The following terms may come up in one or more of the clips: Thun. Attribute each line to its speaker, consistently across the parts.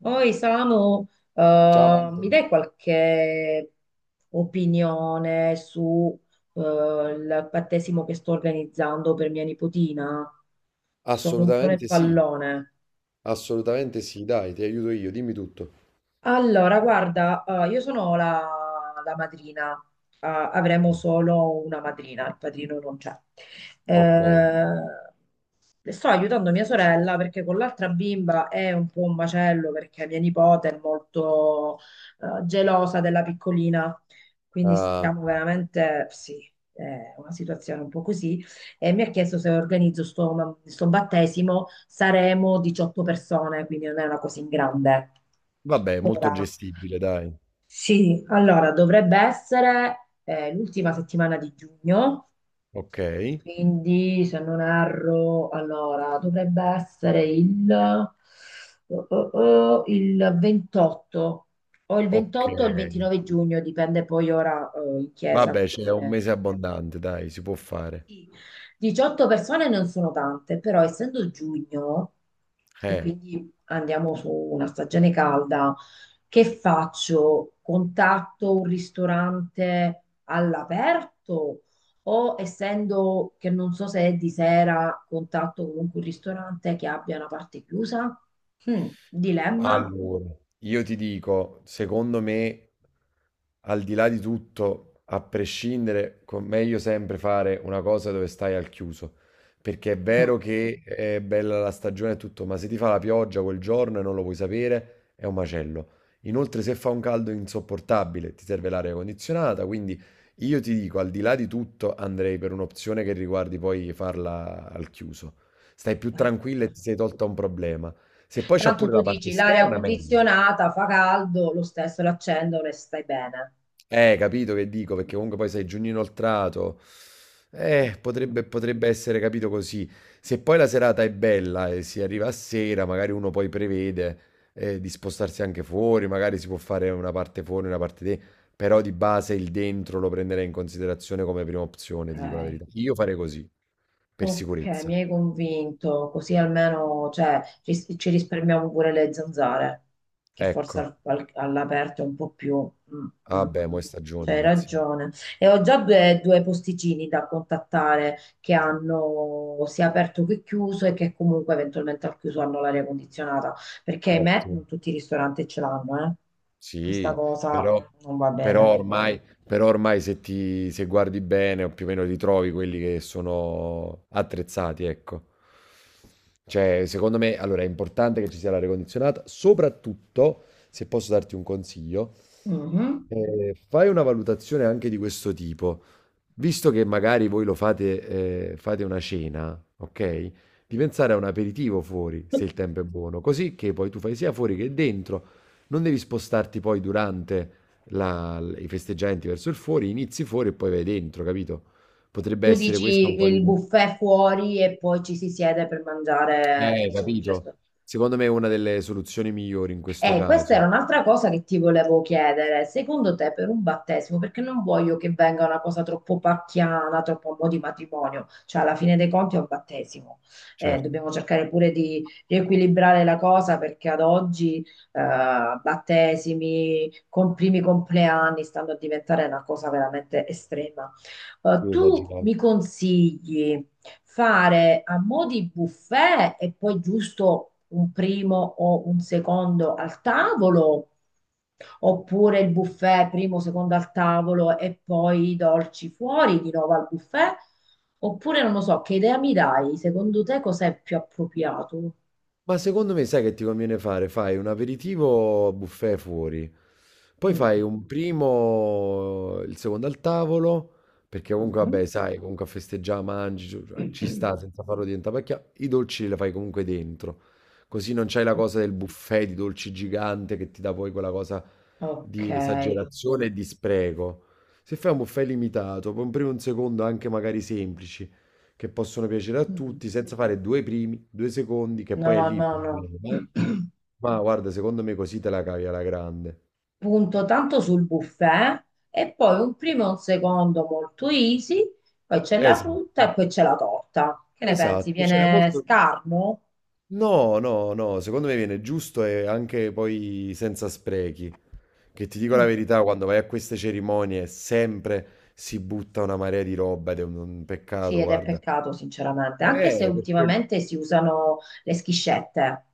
Speaker 1: Poi, Samu,
Speaker 2: Ciao
Speaker 1: mi
Speaker 2: Antonio.
Speaker 1: dai qualche opinione su il battesimo che sto organizzando per mia nipotina? Sono un po' nel
Speaker 2: Assolutamente sì,
Speaker 1: pallone.
Speaker 2: assolutamente sì, dai, ti aiuto io, dimmi tutto.
Speaker 1: Allora, guarda, io sono la madrina, avremo solo una madrina, il padrino non c'è.
Speaker 2: Ok.
Speaker 1: Sto aiutando mia sorella perché con l'altra bimba è un po' un macello perché mia nipote è molto, gelosa della piccolina, quindi
Speaker 2: Ah,
Speaker 1: stiamo veramente, sì, è una situazione un po' così. E mi ha chiesto se organizzo sto battesimo, saremo 18 persone, quindi non è una cosa in grande.
Speaker 2: vabbè, molto
Speaker 1: Ora,
Speaker 2: gestibile, dai.
Speaker 1: sì, allora dovrebbe essere l'ultima settimana di giugno,
Speaker 2: Ok,
Speaker 1: quindi se non erro, allora dovrebbe essere il, oh, il 28 o il
Speaker 2: ok.
Speaker 1: 28 o il 29 giugno, dipende poi ora in chiesa.
Speaker 2: Vabbè, c'è un mese abbondante, dai, si può fare.
Speaker 1: 18 persone non sono tante, però essendo giugno e
Speaker 2: Eh,
Speaker 1: quindi andiamo su una stagione calda, che faccio? Contatto un ristorante all'aperto o essendo che non so se è di sera, contatto comunque un ristorante che abbia una parte chiusa? Mm, dilemma?
Speaker 2: allora, io ti dico, secondo me. Al di là di tutto, a prescindere, meglio sempre fare una cosa dove stai al chiuso. Perché è
Speaker 1: Mm,
Speaker 2: vero che è bella la stagione e tutto, ma se ti fa la pioggia quel giorno e non lo puoi sapere, è un macello. Inoltre, se fa un caldo insopportabile, ti serve l'aria condizionata. Quindi io ti dico, al di là di tutto, andrei per un'opzione che riguardi poi farla al chiuso. Stai più
Speaker 1: al
Speaker 2: tranquilla e ti
Speaker 1: chiuso.
Speaker 2: sei tolta un problema. Se poi c'ha
Speaker 1: Tanto
Speaker 2: pure
Speaker 1: tu
Speaker 2: la parte
Speaker 1: dici l'aria
Speaker 2: esterna, meglio.
Speaker 1: condizionata fa caldo, lo stesso l'accendono e stai bene.
Speaker 2: Capito che dico, perché comunque poi sei giugno inoltrato. Eh,
Speaker 1: Ok,
Speaker 2: potrebbe, potrebbe essere capito così. Se poi la serata è bella e si arriva a sera, magari uno poi prevede di spostarsi anche fuori, magari si può fare una parte fuori, una parte dentro, però di base il dentro lo prenderei in considerazione come prima opzione, ti dico la verità. Io farei così, per
Speaker 1: ok,
Speaker 2: sicurezza.
Speaker 1: mi hai convinto, così almeno cioè, ci risparmiamo pure le zanzare, che forse
Speaker 2: Ecco.
Speaker 1: all'aperto è un po' più... mm, mm,
Speaker 2: Vabbè,
Speaker 1: mm.
Speaker 2: mo' è
Speaker 1: Cioè,
Speaker 2: stagione,
Speaker 1: hai
Speaker 2: inizia.
Speaker 1: ragione. E ho già due posticini da contattare che hanno sia aperto che chiuso e che comunque eventualmente al chiuso hanno l'aria condizionata, perché ahimè
Speaker 2: Ottimo.
Speaker 1: non tutti i ristoranti ce l'hanno, eh. Questa
Speaker 2: Sì,
Speaker 1: cosa
Speaker 2: però
Speaker 1: non va
Speaker 2: però
Speaker 1: bene.
Speaker 2: ormai però ormai se guardi bene o più o meno li trovi quelli che sono attrezzati, ecco. Cioè, secondo me, allora è importante che ci sia l'aria condizionata, soprattutto se posso darti un consiglio,
Speaker 1: Mhm.
Speaker 2: fai una valutazione anche di questo tipo. Visto che magari voi lo fate, fate una cena, ok? Di pensare a un aperitivo fuori, se il tempo è buono, così che poi tu fai sia fuori che dentro, non devi spostarti poi durante i festeggiamenti verso il fuori, inizi fuori e poi vai dentro, capito? Potrebbe
Speaker 1: Tu
Speaker 2: essere questa un
Speaker 1: dici
Speaker 2: po' di.
Speaker 1: il buffet fuori e poi ci si siede per mangiare, diciamo, il resto.
Speaker 2: Capito? Secondo me è una delle soluzioni migliori in questo
Speaker 1: Questa
Speaker 2: caso.
Speaker 1: era un'altra cosa che ti volevo chiedere. Secondo te per un battesimo, perché non voglio che venga una cosa troppo pacchiana, troppo a mo' di matrimonio, cioè alla fine dei conti è un battesimo.
Speaker 2: Certo,
Speaker 1: Dobbiamo cercare pure di riequilibrare la cosa perché ad oggi battesimi, con primi compleanni stanno a diventare una cosa veramente estrema.
Speaker 2: si è
Speaker 1: Tu
Speaker 2: esagerato.
Speaker 1: mi consigli fare a mo' di buffet e poi giusto un primo o un secondo al tavolo, oppure il buffet primo, secondo al tavolo e poi i dolci fuori di nuovo al buffet, oppure non lo so, che idea mi dai? Secondo te cos'è più appropriato?
Speaker 2: Ma secondo me sai che ti conviene fare? Fai un aperitivo buffet fuori, poi fai
Speaker 1: Mm.
Speaker 2: un primo, il secondo al tavolo, perché comunque vabbè,
Speaker 1: Mhm.
Speaker 2: sai, comunque a festeggiare, mangi, ci cioè, ci sta senza farlo diventare pacchia, i dolci li fai comunque dentro, così non c'hai la cosa del buffet di dolci gigante che ti dà poi quella cosa
Speaker 1: Ok.
Speaker 2: di esagerazione e di spreco. Se fai un buffet limitato, poi un primo e un secondo anche magari semplici, che possono piacere a
Speaker 1: Mm.
Speaker 2: tutti, senza fare due primi, due secondi, che poi è
Speaker 1: No,
Speaker 2: lì il
Speaker 1: no,
Speaker 2: problema, eh.
Speaker 1: no.
Speaker 2: Ma guarda, secondo me così te la cavi alla grande.
Speaker 1: Punto tanto sul buffet e poi un primo e un secondo molto easy, poi c'è la
Speaker 2: Esatto,
Speaker 1: frutta e poi c'è la torta. Che ne pensi?
Speaker 2: esatto, cioè è
Speaker 1: Viene
Speaker 2: molto.
Speaker 1: scarno?
Speaker 2: No, no, no, secondo me viene giusto e anche poi senza sprechi. Che ti dico la
Speaker 1: Mm,
Speaker 2: verità, quando vai a queste cerimonie sempre si butta una marea di roba ed è un
Speaker 1: sì,
Speaker 2: peccato,
Speaker 1: ed è
Speaker 2: guarda.
Speaker 1: peccato sinceramente, anche se
Speaker 2: Per quello.
Speaker 1: ultimamente si usano le schiscette,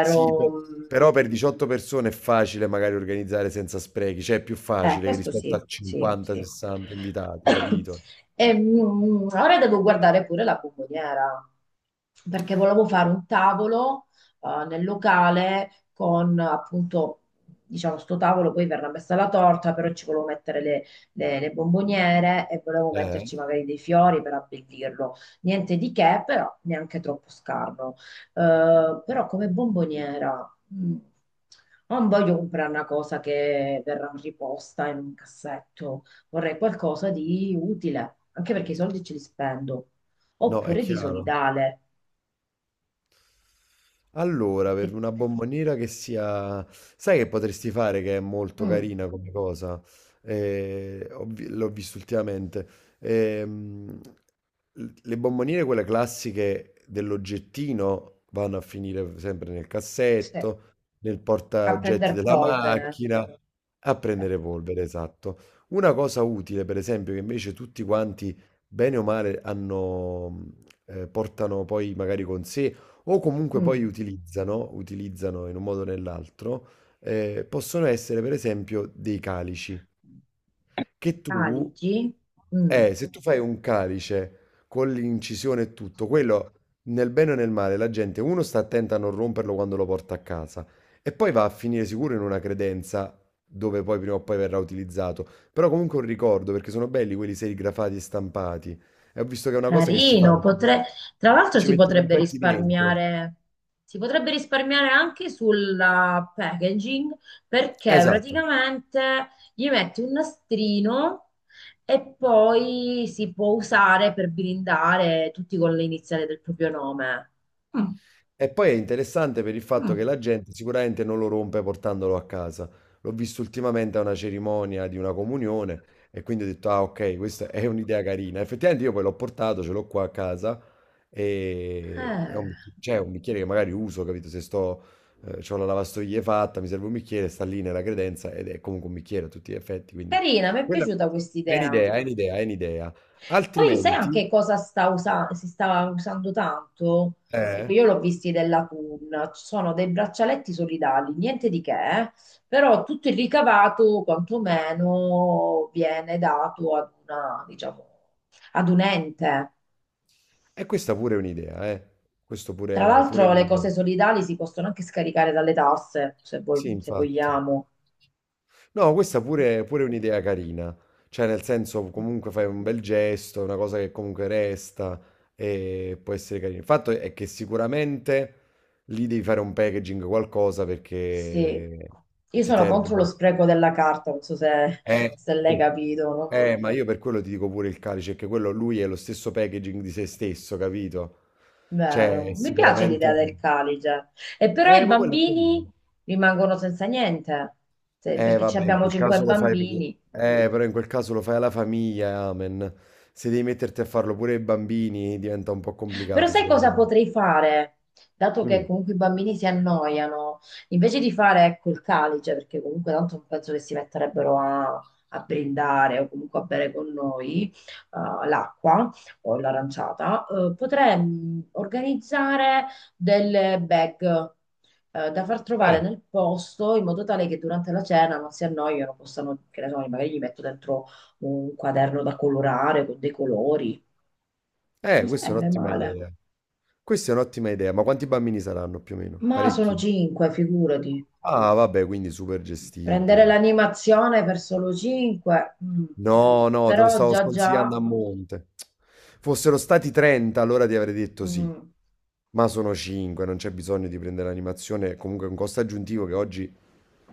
Speaker 2: Sì, pe però
Speaker 1: mm,
Speaker 2: per 18 persone è facile magari organizzare senza sprechi, cioè è più
Speaker 1: eh,
Speaker 2: facile
Speaker 1: questo
Speaker 2: rispetto
Speaker 1: sì,
Speaker 2: a
Speaker 1: sì,
Speaker 2: 50,
Speaker 1: sì.
Speaker 2: 60 invitati, capito?
Speaker 1: Ora devo guardare pure la bomboniera, perché volevo fare un tavolo, nel locale con appunto, diciamo, sto tavolo, poi verrà messa la torta, però ci volevo mettere le bomboniere e volevo
Speaker 2: Eh,
Speaker 1: metterci magari dei fiori per abbeldirlo. Niente di che, però neanche troppo scarno. Però come bomboniera, non voglio comprare una cosa che verrà riposta in un cassetto, vorrei qualcosa di utile, anche perché i soldi ce li spendo,
Speaker 2: no, è
Speaker 1: oppure di
Speaker 2: chiaro.
Speaker 1: solidale,
Speaker 2: Allora,
Speaker 1: perché
Speaker 2: per una bomboniera che sia. Sai che potresti fare che è molto
Speaker 1: mm,
Speaker 2: carina come cosa? L'ho visto ultimamente. Ehm, le bomboniere, quelle classiche dell'oggettino, vanno a finire sempre nel
Speaker 1: se-
Speaker 2: cassetto, nel
Speaker 1: a
Speaker 2: portaoggetti
Speaker 1: prendere
Speaker 2: della
Speaker 1: polvere.
Speaker 2: macchina, a prendere polvere, esatto. Una cosa utile, per esempio, che invece tutti quanti, bene o male, hanno, portano poi magari con sé o comunque poi
Speaker 1: Mm.
Speaker 2: utilizzano in un modo o nell'altro, possono essere per esempio dei calici, che tu,
Speaker 1: Calici. Mm.
Speaker 2: se tu fai un calice con l'incisione e tutto, quello nel bene o nel male, la gente, uno sta attenta a non romperlo quando lo porta a casa e poi va a finire sicuro in una credenza dove poi prima o poi verrà utilizzato, però comunque un ricordo, perché sono belli quelli serigrafati e stampati, e ho visto che è una cosa che si fa,
Speaker 1: Carino,
Speaker 2: perché
Speaker 1: potre- Tra l'altro
Speaker 2: ci metti i confetti dentro.
Speaker 1: si potrebbe risparmiare anche sulla packaging perché
Speaker 2: Esatto.
Speaker 1: praticamente gli metti un nastrino e poi si può usare per blindare tutti con le iniziali del proprio nome. Mm,
Speaker 2: E poi è interessante per il fatto
Speaker 1: mm.
Speaker 2: che la gente sicuramente non lo rompe portandolo a casa. L'ho visto ultimamente a una cerimonia di una comunione e quindi ho detto, ah ok, questa è un'idea carina. Effettivamente io poi l'ho portato, ce l'ho qua a casa e è
Speaker 1: Eh,
Speaker 2: un, c'è un bicchiere che magari uso, capito? Se sto, C'ho la lavastoviglie fatta, mi serve un bicchiere, sta lì nella credenza ed è comunque un bicchiere a tutti gli effetti. Quindi
Speaker 1: carina, mi è
Speaker 2: quella
Speaker 1: piaciuta
Speaker 2: è
Speaker 1: quest'idea.
Speaker 2: un'idea, è un'idea, è un'idea.
Speaker 1: Poi sai anche
Speaker 2: Altrimenti.
Speaker 1: cosa si sta usando tanto? Tipo,
Speaker 2: Eh?
Speaker 1: io l'ho visti della Thun, ci sono dei braccialetti solidali, niente di che, eh, però tutto il ricavato quantomeno viene dato ad una, diciamo, ad un ente.
Speaker 2: E questa pure è un'idea, eh. Questo
Speaker 1: Tra
Speaker 2: pure pure è
Speaker 1: l'altro le
Speaker 2: un'idea.
Speaker 1: cose solidali si possono anche scaricare dalle tasse,
Speaker 2: Sì,
Speaker 1: se
Speaker 2: infatti.
Speaker 1: vogliamo.
Speaker 2: No, questa pure, pure è un'idea carina. Cioè, nel senso, comunque fai un bel gesto, una cosa che comunque resta e può essere carina. Il fatto è che sicuramente lì devi fare un packaging, qualcosa
Speaker 1: Sì,
Speaker 2: perché
Speaker 1: io
Speaker 2: ti
Speaker 1: sono
Speaker 2: serve.
Speaker 1: contro lo spreco della carta, non so se,
Speaker 2: Eh,
Speaker 1: se l'hai
Speaker 2: per-
Speaker 1: capito, no?
Speaker 2: ma io per quello ti dico pure il calice, che quello lui è lo stesso packaging di se stesso, capito? Cioè,
Speaker 1: Vero, mi piace
Speaker 2: sicuramente.
Speaker 1: l'idea del calice. E però i
Speaker 2: Ma quello è
Speaker 1: bambini
Speaker 2: carino.
Speaker 1: rimangono senza niente.
Speaker 2: Eh
Speaker 1: Perché ci
Speaker 2: vabbè, in
Speaker 1: abbiamo
Speaker 2: quel
Speaker 1: cinque
Speaker 2: caso lo fai per.
Speaker 1: bambini.
Speaker 2: Però in quel caso lo fai alla famiglia, amen. Se devi metterti a farlo pure ai bambini diventa un po'
Speaker 1: Però
Speaker 2: complicato,
Speaker 1: sai
Speaker 2: secondo
Speaker 1: cosa
Speaker 2: me.
Speaker 1: potrei fare? Dato che
Speaker 2: Mm.
Speaker 1: comunque i bambini si annoiano, invece di fare ecco il calice, perché comunque tanto non penso che si metterebbero a brindare o comunque a bere con noi l'acqua o l'aranciata, potrei organizzare delle bag. Da far trovare
Speaker 2: Eh,
Speaker 1: nel posto in modo tale che durante la cena non si annoiano, possano, che ne so, magari gli metto dentro un quaderno da colorare con dei colori. Non
Speaker 2: Questa è
Speaker 1: sarebbe
Speaker 2: un'ottima
Speaker 1: male.
Speaker 2: idea. Questa è un'ottima idea, ma quanti bambini saranno più o meno?
Speaker 1: Ma sono
Speaker 2: Parecchi?
Speaker 1: cinque, figurati.
Speaker 2: Ah, vabbè, quindi super
Speaker 1: Prendere
Speaker 2: gestibile.
Speaker 1: l'animazione per solo cinque. Mm.
Speaker 2: No, no, te lo
Speaker 1: Però
Speaker 2: stavo
Speaker 1: già
Speaker 2: sconsigliando
Speaker 1: già
Speaker 2: a monte. Fossero stati 30, allora ti avrei detto sì.
Speaker 1: mm.
Speaker 2: Ma sono 5, non c'è bisogno di prendere l'animazione, comunque è un costo aggiuntivo che oggi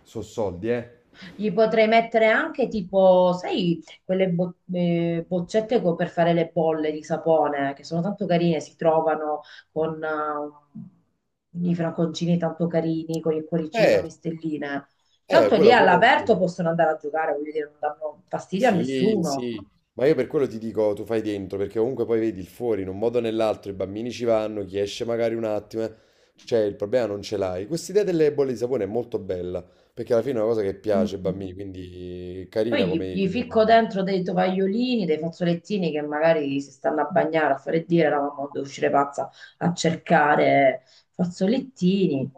Speaker 2: sono soldi, eh.
Speaker 1: Gli potrei mettere anche tipo, sai, boccette per fare le bolle di sapone, che sono tanto carine, si trovano con i franconcini tanto carini, con il cuoricino,
Speaker 2: Eh.
Speaker 1: le stelline. Tanto lì
Speaker 2: Quella pure.
Speaker 1: all'aperto possono andare a giocare, voglio dire, non danno fastidio a
Speaker 2: Sì,
Speaker 1: nessuno.
Speaker 2: sì, ma io per quello ti dico, tu fai dentro, perché comunque poi vedi il fuori, in un modo o nell'altro, i bambini ci vanno, chi esce magari un attimo, cioè il problema non ce l'hai. Questa idea delle bolle di sapone è molto bella, perché alla fine è una cosa che
Speaker 1: Mm,
Speaker 2: piace ai
Speaker 1: mm.
Speaker 2: bambini, quindi è carina
Speaker 1: Poi
Speaker 2: come...
Speaker 1: gli ficco
Speaker 2: come-
Speaker 1: dentro dei tovagliolini, dei fazzolettini che magari si stanno a bagnare, a fare dire, eravamo devo uscire pazza a cercare fazzolettini.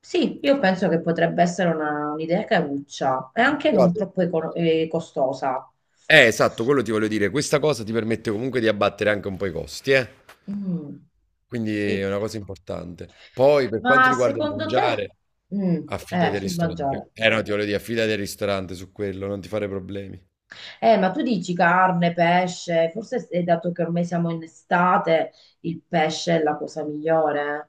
Speaker 1: Sì, io penso che potrebbe essere un'idea caruccia e anche non
Speaker 2: Guarda.
Speaker 1: troppo costosa.
Speaker 2: Esatto, quello ti voglio dire, questa cosa ti permette comunque di abbattere anche un po' i costi, eh.
Speaker 1: Mm,
Speaker 2: Quindi è
Speaker 1: sì,
Speaker 2: una cosa
Speaker 1: sì.
Speaker 2: importante. Poi per quanto
Speaker 1: Ma
Speaker 2: riguarda il
Speaker 1: secondo te?
Speaker 2: mangiare,
Speaker 1: Mm,
Speaker 2: affidati al
Speaker 1: sul mangiare.
Speaker 2: ristorante. Eh no, ti voglio dire, affidati al ristorante su quello, non ti fare problemi.
Speaker 1: Ma tu dici carne, pesce, forse se- dato che ormai siamo in estate, il pesce è la cosa migliore. Eh?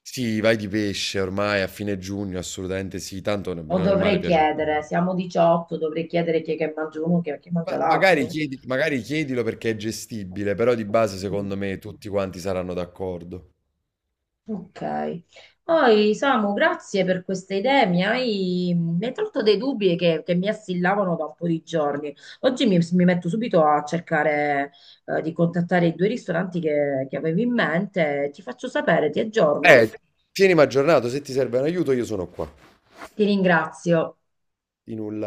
Speaker 2: Sì, vai di pesce ormai a fine giugno, assolutamente sì, tanto nel
Speaker 1: O
Speaker 2: bene o nel male
Speaker 1: dovrei
Speaker 2: piace a
Speaker 1: chiedere,
Speaker 2: tutti.
Speaker 1: siamo 18, dovrei chiedere chi è che mangia uno, chi è che mangia
Speaker 2: Ma magari
Speaker 1: l'altro.
Speaker 2: magari chiedilo perché è gestibile, però di base secondo
Speaker 1: Mm,
Speaker 2: me tutti quanti saranno d'accordo.
Speaker 1: ok. Poi, Samu, grazie per queste idee. Mi hai tolto dei dubbi che mi assillavano da un po' di giorni. Oggi mi metto subito a cercare, di contattare i due ristoranti che avevo in mente. Ti faccio sapere, ti aggiorno.
Speaker 2: Eh, Tienimi aggiornato, se ti serve un aiuto io sono qua.
Speaker 1: Ti ringrazio.
Speaker 2: Di nulla.